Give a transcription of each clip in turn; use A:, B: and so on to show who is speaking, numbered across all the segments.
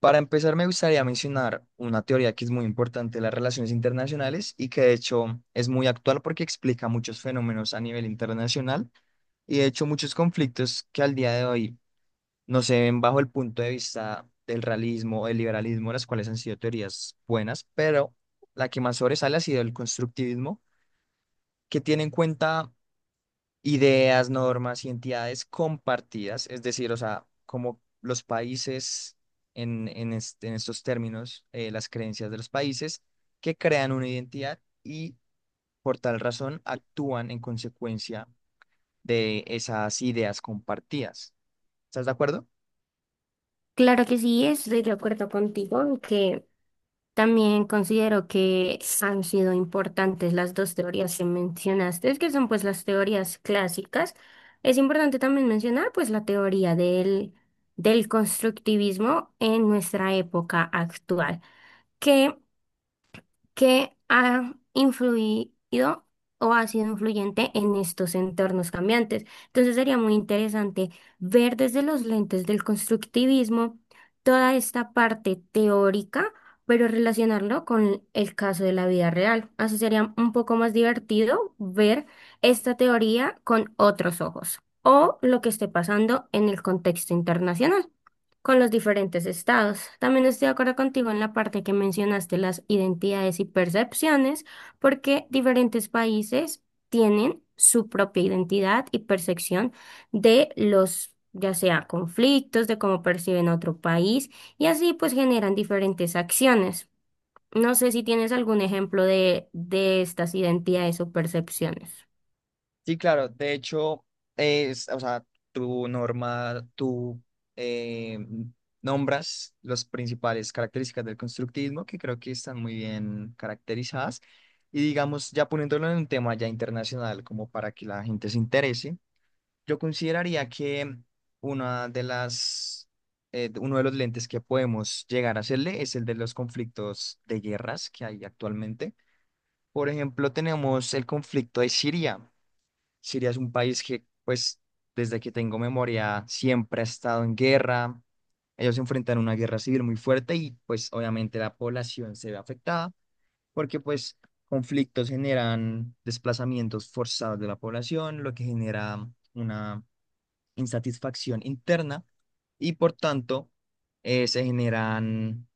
A: Para empezar, me gustaría mencionar una teoría que es muy importante de las relaciones internacionales y que de hecho es muy actual porque explica muchos fenómenos a nivel internacional y de hecho muchos conflictos que al día de hoy no se ven bajo el punto de vista del realismo o del liberalismo, las cuales han sido teorías buenas, pero la que más sobresale ha sido el constructivismo, que tiene en cuenta ideas, normas y entidades compartidas, es decir, o sea, como los países en estos términos, las creencias de los países que crean una identidad y por tal razón actúan en consecuencia de esas ideas compartidas. ¿Estás de acuerdo?
B: Claro que sí, estoy de acuerdo contigo, aunque también considero que han sido importantes las dos teorías que mencionaste, que son pues las teorías clásicas. Es importante también mencionar pues la teoría del constructivismo en nuestra época actual, que que ha influido o ha sido influyente en estos entornos cambiantes. Entonces sería muy interesante ver desde los lentes del constructivismo toda esta parte teórica, pero relacionarlo con el caso de la vida real. Así sería un poco más divertido ver esta teoría con otros ojos o lo que esté pasando en el contexto internacional con los diferentes estados. También estoy de acuerdo contigo en la parte que mencionaste las identidades y percepciones, porque diferentes países tienen su propia identidad y percepción de los, ya sea conflictos, de cómo perciben a otro país, y así pues generan diferentes acciones. No sé si tienes algún ejemplo de estas identidades o percepciones.
A: Sí, claro. De hecho, o sea, tú eh, nombras las principales características del constructivismo que creo que están muy bien caracterizadas. Y digamos, ya poniéndolo en un tema ya internacional, como para que la gente se interese, yo consideraría que una de las, uno de los lentes que podemos llegar a hacerle es el de los conflictos de guerras que hay actualmente. Por ejemplo, tenemos el conflicto de Siria. Siria es un país que, pues, desde que tengo memoria, siempre ha estado en guerra. Ellos se enfrentan a una guerra civil muy fuerte y, pues, obviamente la población se ve afectada porque, pues, conflictos generan desplazamientos forzados de la población, lo que genera una insatisfacción interna y, por tanto, se generan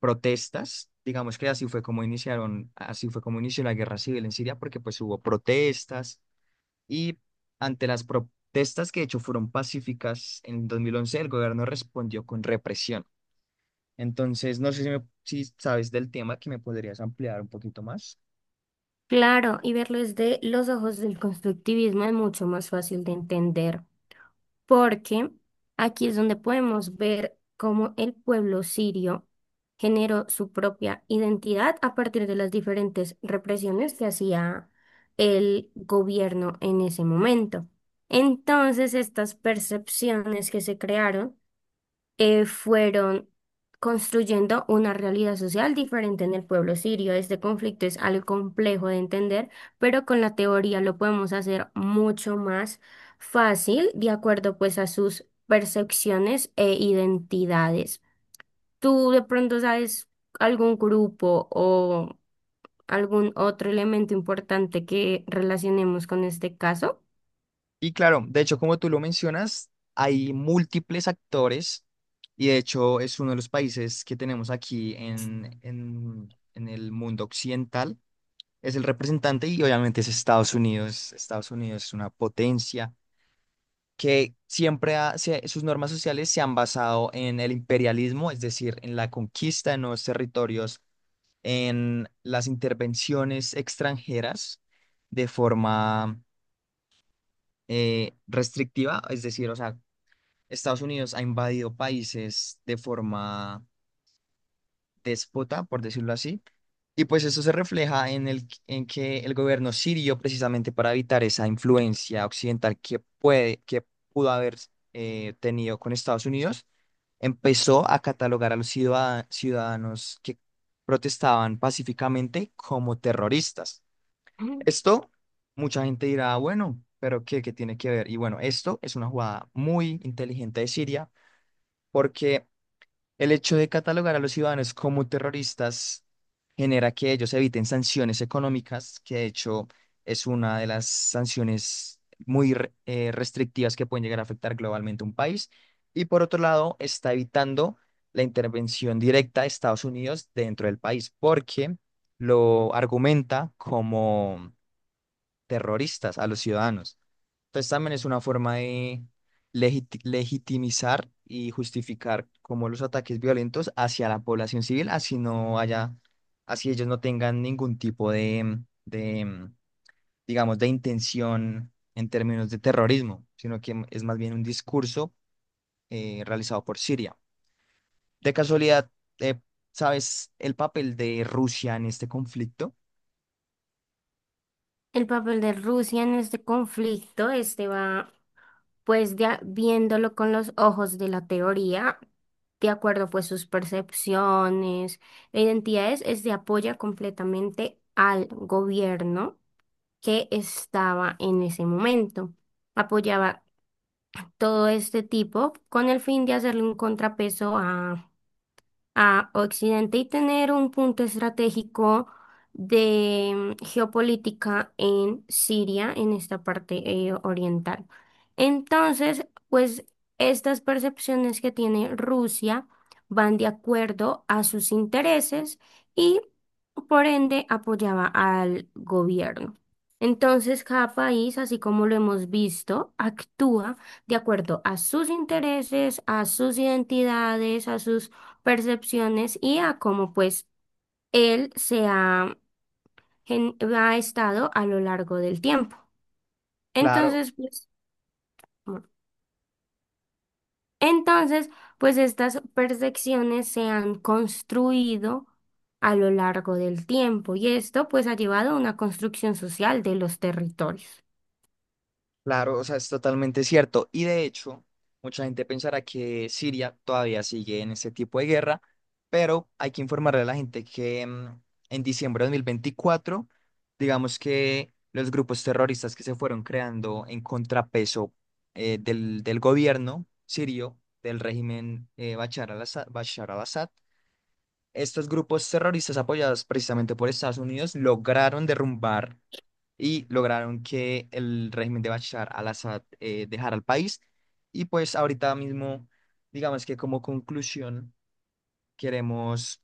A: protestas. Digamos que así fue como inició la guerra civil en Siria porque, pues, hubo protestas y ante las protestas que de hecho fueron pacíficas en 2011 el gobierno respondió con represión. Entonces, no sé si, me- si sabes del tema que me podrías ampliar un poquito más.
B: Claro, y verlo desde los ojos del constructivismo es mucho más fácil de entender, porque aquí es donde podemos ver cómo el pueblo sirio generó su propia identidad a partir de las diferentes represiones que hacía el gobierno en ese momento. Entonces, estas percepciones que se crearon fueron construyendo una realidad social diferente en el pueblo sirio. Este conflicto es algo complejo de entender, pero con la teoría lo podemos hacer mucho más fácil, de acuerdo pues a sus percepciones e identidades. ¿Tú de pronto sabes algún grupo o algún otro elemento importante que relacionemos con este caso?
A: Y claro, de hecho, como tú lo mencionas, hay múltiples actores y de hecho es uno de los países que tenemos aquí en el mundo occidental. Es el representante y obviamente es Estados Unidos. Estados Unidos es una potencia que siempre sus normas sociales se han basado en el imperialismo, es decir, en la conquista de nuevos territorios, en las intervenciones extranjeras de forma restrictiva, es decir, o sea, Estados Unidos ha invadido países de forma déspota, por decirlo así. Y pues eso se refleja en el, en que el gobierno sirio, precisamente para evitar esa influencia occidental que pudo haber tenido con Estados Unidos, empezó a catalogar a los ciudadanos que protestaban pacíficamente como terroristas.
B: Ujú.
A: Esto, mucha gente dirá, bueno, pero ¿qué tiene que ver? Y bueno, esto es una jugada muy inteligente de Siria porque el hecho de catalogar a los ciudadanos como terroristas genera que ellos eviten sanciones económicas, que de hecho es una de las sanciones restrictivas que pueden llegar a afectar globalmente a un país. Y por otro lado, está evitando la intervención directa de Estados Unidos dentro del país, porque lo argumenta como terroristas a los ciudadanos. Entonces también es una forma de legitimizar y justificar como los ataques violentos hacia la población civil, así no haya, así ellos no tengan ningún tipo digamos, de intención en términos de terrorismo, sino que es más bien un discurso realizado por Siria. De casualidad, eh, ¿sabes el papel de Rusia en este conflicto?
B: El papel de Rusia en este conflicto, este va. Pues ya viéndolo con los ojos de la teoría, de acuerdo pues sus percepciones e identidades, es de apoya completamente al gobierno que estaba en ese momento. Apoyaba todo este tipo con el fin de hacerle un contrapeso a Occidente y tener un punto estratégico de geopolítica en Siria, en esta parte oriental. Entonces, pues estas percepciones que tiene Rusia van de acuerdo a sus intereses y por ende apoyaba al gobierno. Entonces, cada país, así como lo hemos visto, actúa de acuerdo a sus intereses, a sus identidades, a sus percepciones y a cómo pues él ha estado a lo largo del tiempo.
A: Claro.
B: Entonces, pues, bueno, entonces, pues estas percepciones se han construido a lo largo del tiempo y esto pues ha llevado a una construcción social de los territorios.
A: Claro, o sea, es totalmente cierto. Y de hecho, mucha gente pensará que Siria todavía sigue en ese tipo de guerra, pero hay que informarle a la gente que en diciembre de 2024, digamos que los grupos terroristas que se fueron creando en contrapeso del gobierno sirio, del régimen Bashar al-Assad, estos grupos terroristas apoyados precisamente por Estados Unidos lograron derrumbar y lograron que el régimen de Bashar al-Assad dejara el país. Y pues ahorita mismo, digamos que como conclusión, queremos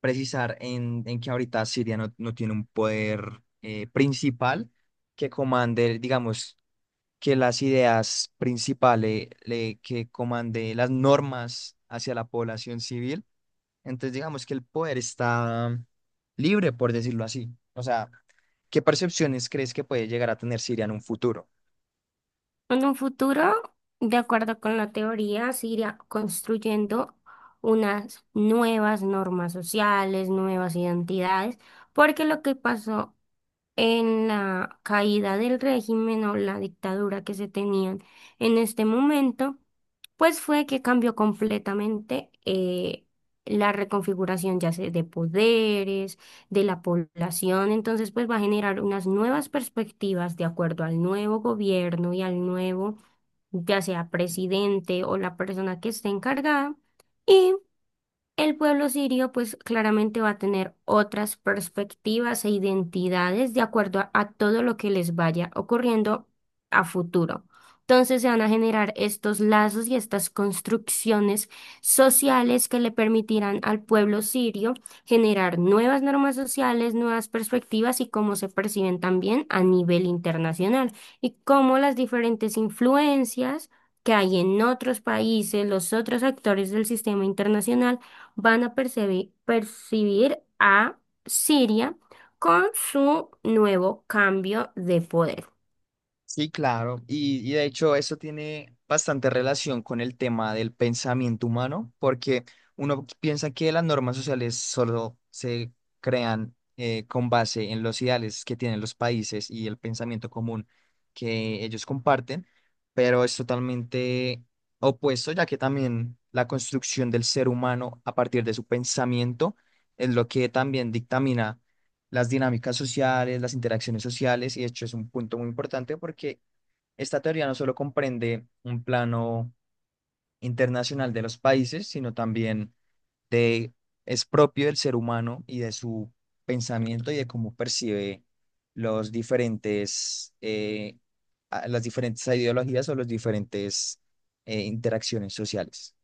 A: precisar en que ahorita Siria no, no tiene un poder principal que comande, digamos, que las ideas principales, que comande las normas hacia la población civil. Entonces, digamos que el poder está libre, por decirlo así. O sea, ¿qué percepciones crees que puede llegar a tener Siria en un futuro?
B: En un futuro, de acuerdo con la teoría, se irá construyendo unas nuevas normas sociales, nuevas identidades, porque lo que pasó en la caída del régimen o la dictadura que se tenían en este momento, pues fue que cambió completamente la reconfiguración ya sea de poderes, de la población, entonces pues va a generar unas nuevas perspectivas de acuerdo al nuevo gobierno y al nuevo, ya sea presidente o la persona que esté encargada. El pueblo sirio pues claramente va a tener otras perspectivas e identidades de acuerdo a todo lo que les vaya ocurriendo a futuro. Entonces se van a generar estos lazos y estas construcciones sociales que le permitirán al pueblo sirio generar nuevas normas sociales, nuevas perspectivas y cómo se perciben también a nivel internacional y cómo las diferentes influencias que hay en otros países, los otros actores del sistema internacional, van a percibir a Siria con su nuevo cambio de poder.
A: Sí, claro. Y de hecho eso tiene bastante relación con el tema del pensamiento humano, porque uno piensa que las normas sociales solo se crean con base en los ideales que tienen los países y el pensamiento común que ellos comparten, pero es totalmente opuesto, ya que también la construcción del ser humano a partir de su pensamiento es lo que también dictamina las dinámicas sociales, las interacciones sociales, y de hecho es un punto muy importante porque esta teoría no solo comprende un plano internacional de los países, sino también de, es propio del ser humano y de su pensamiento y de cómo percibe los diferentes, las diferentes ideologías o las diferentes interacciones sociales.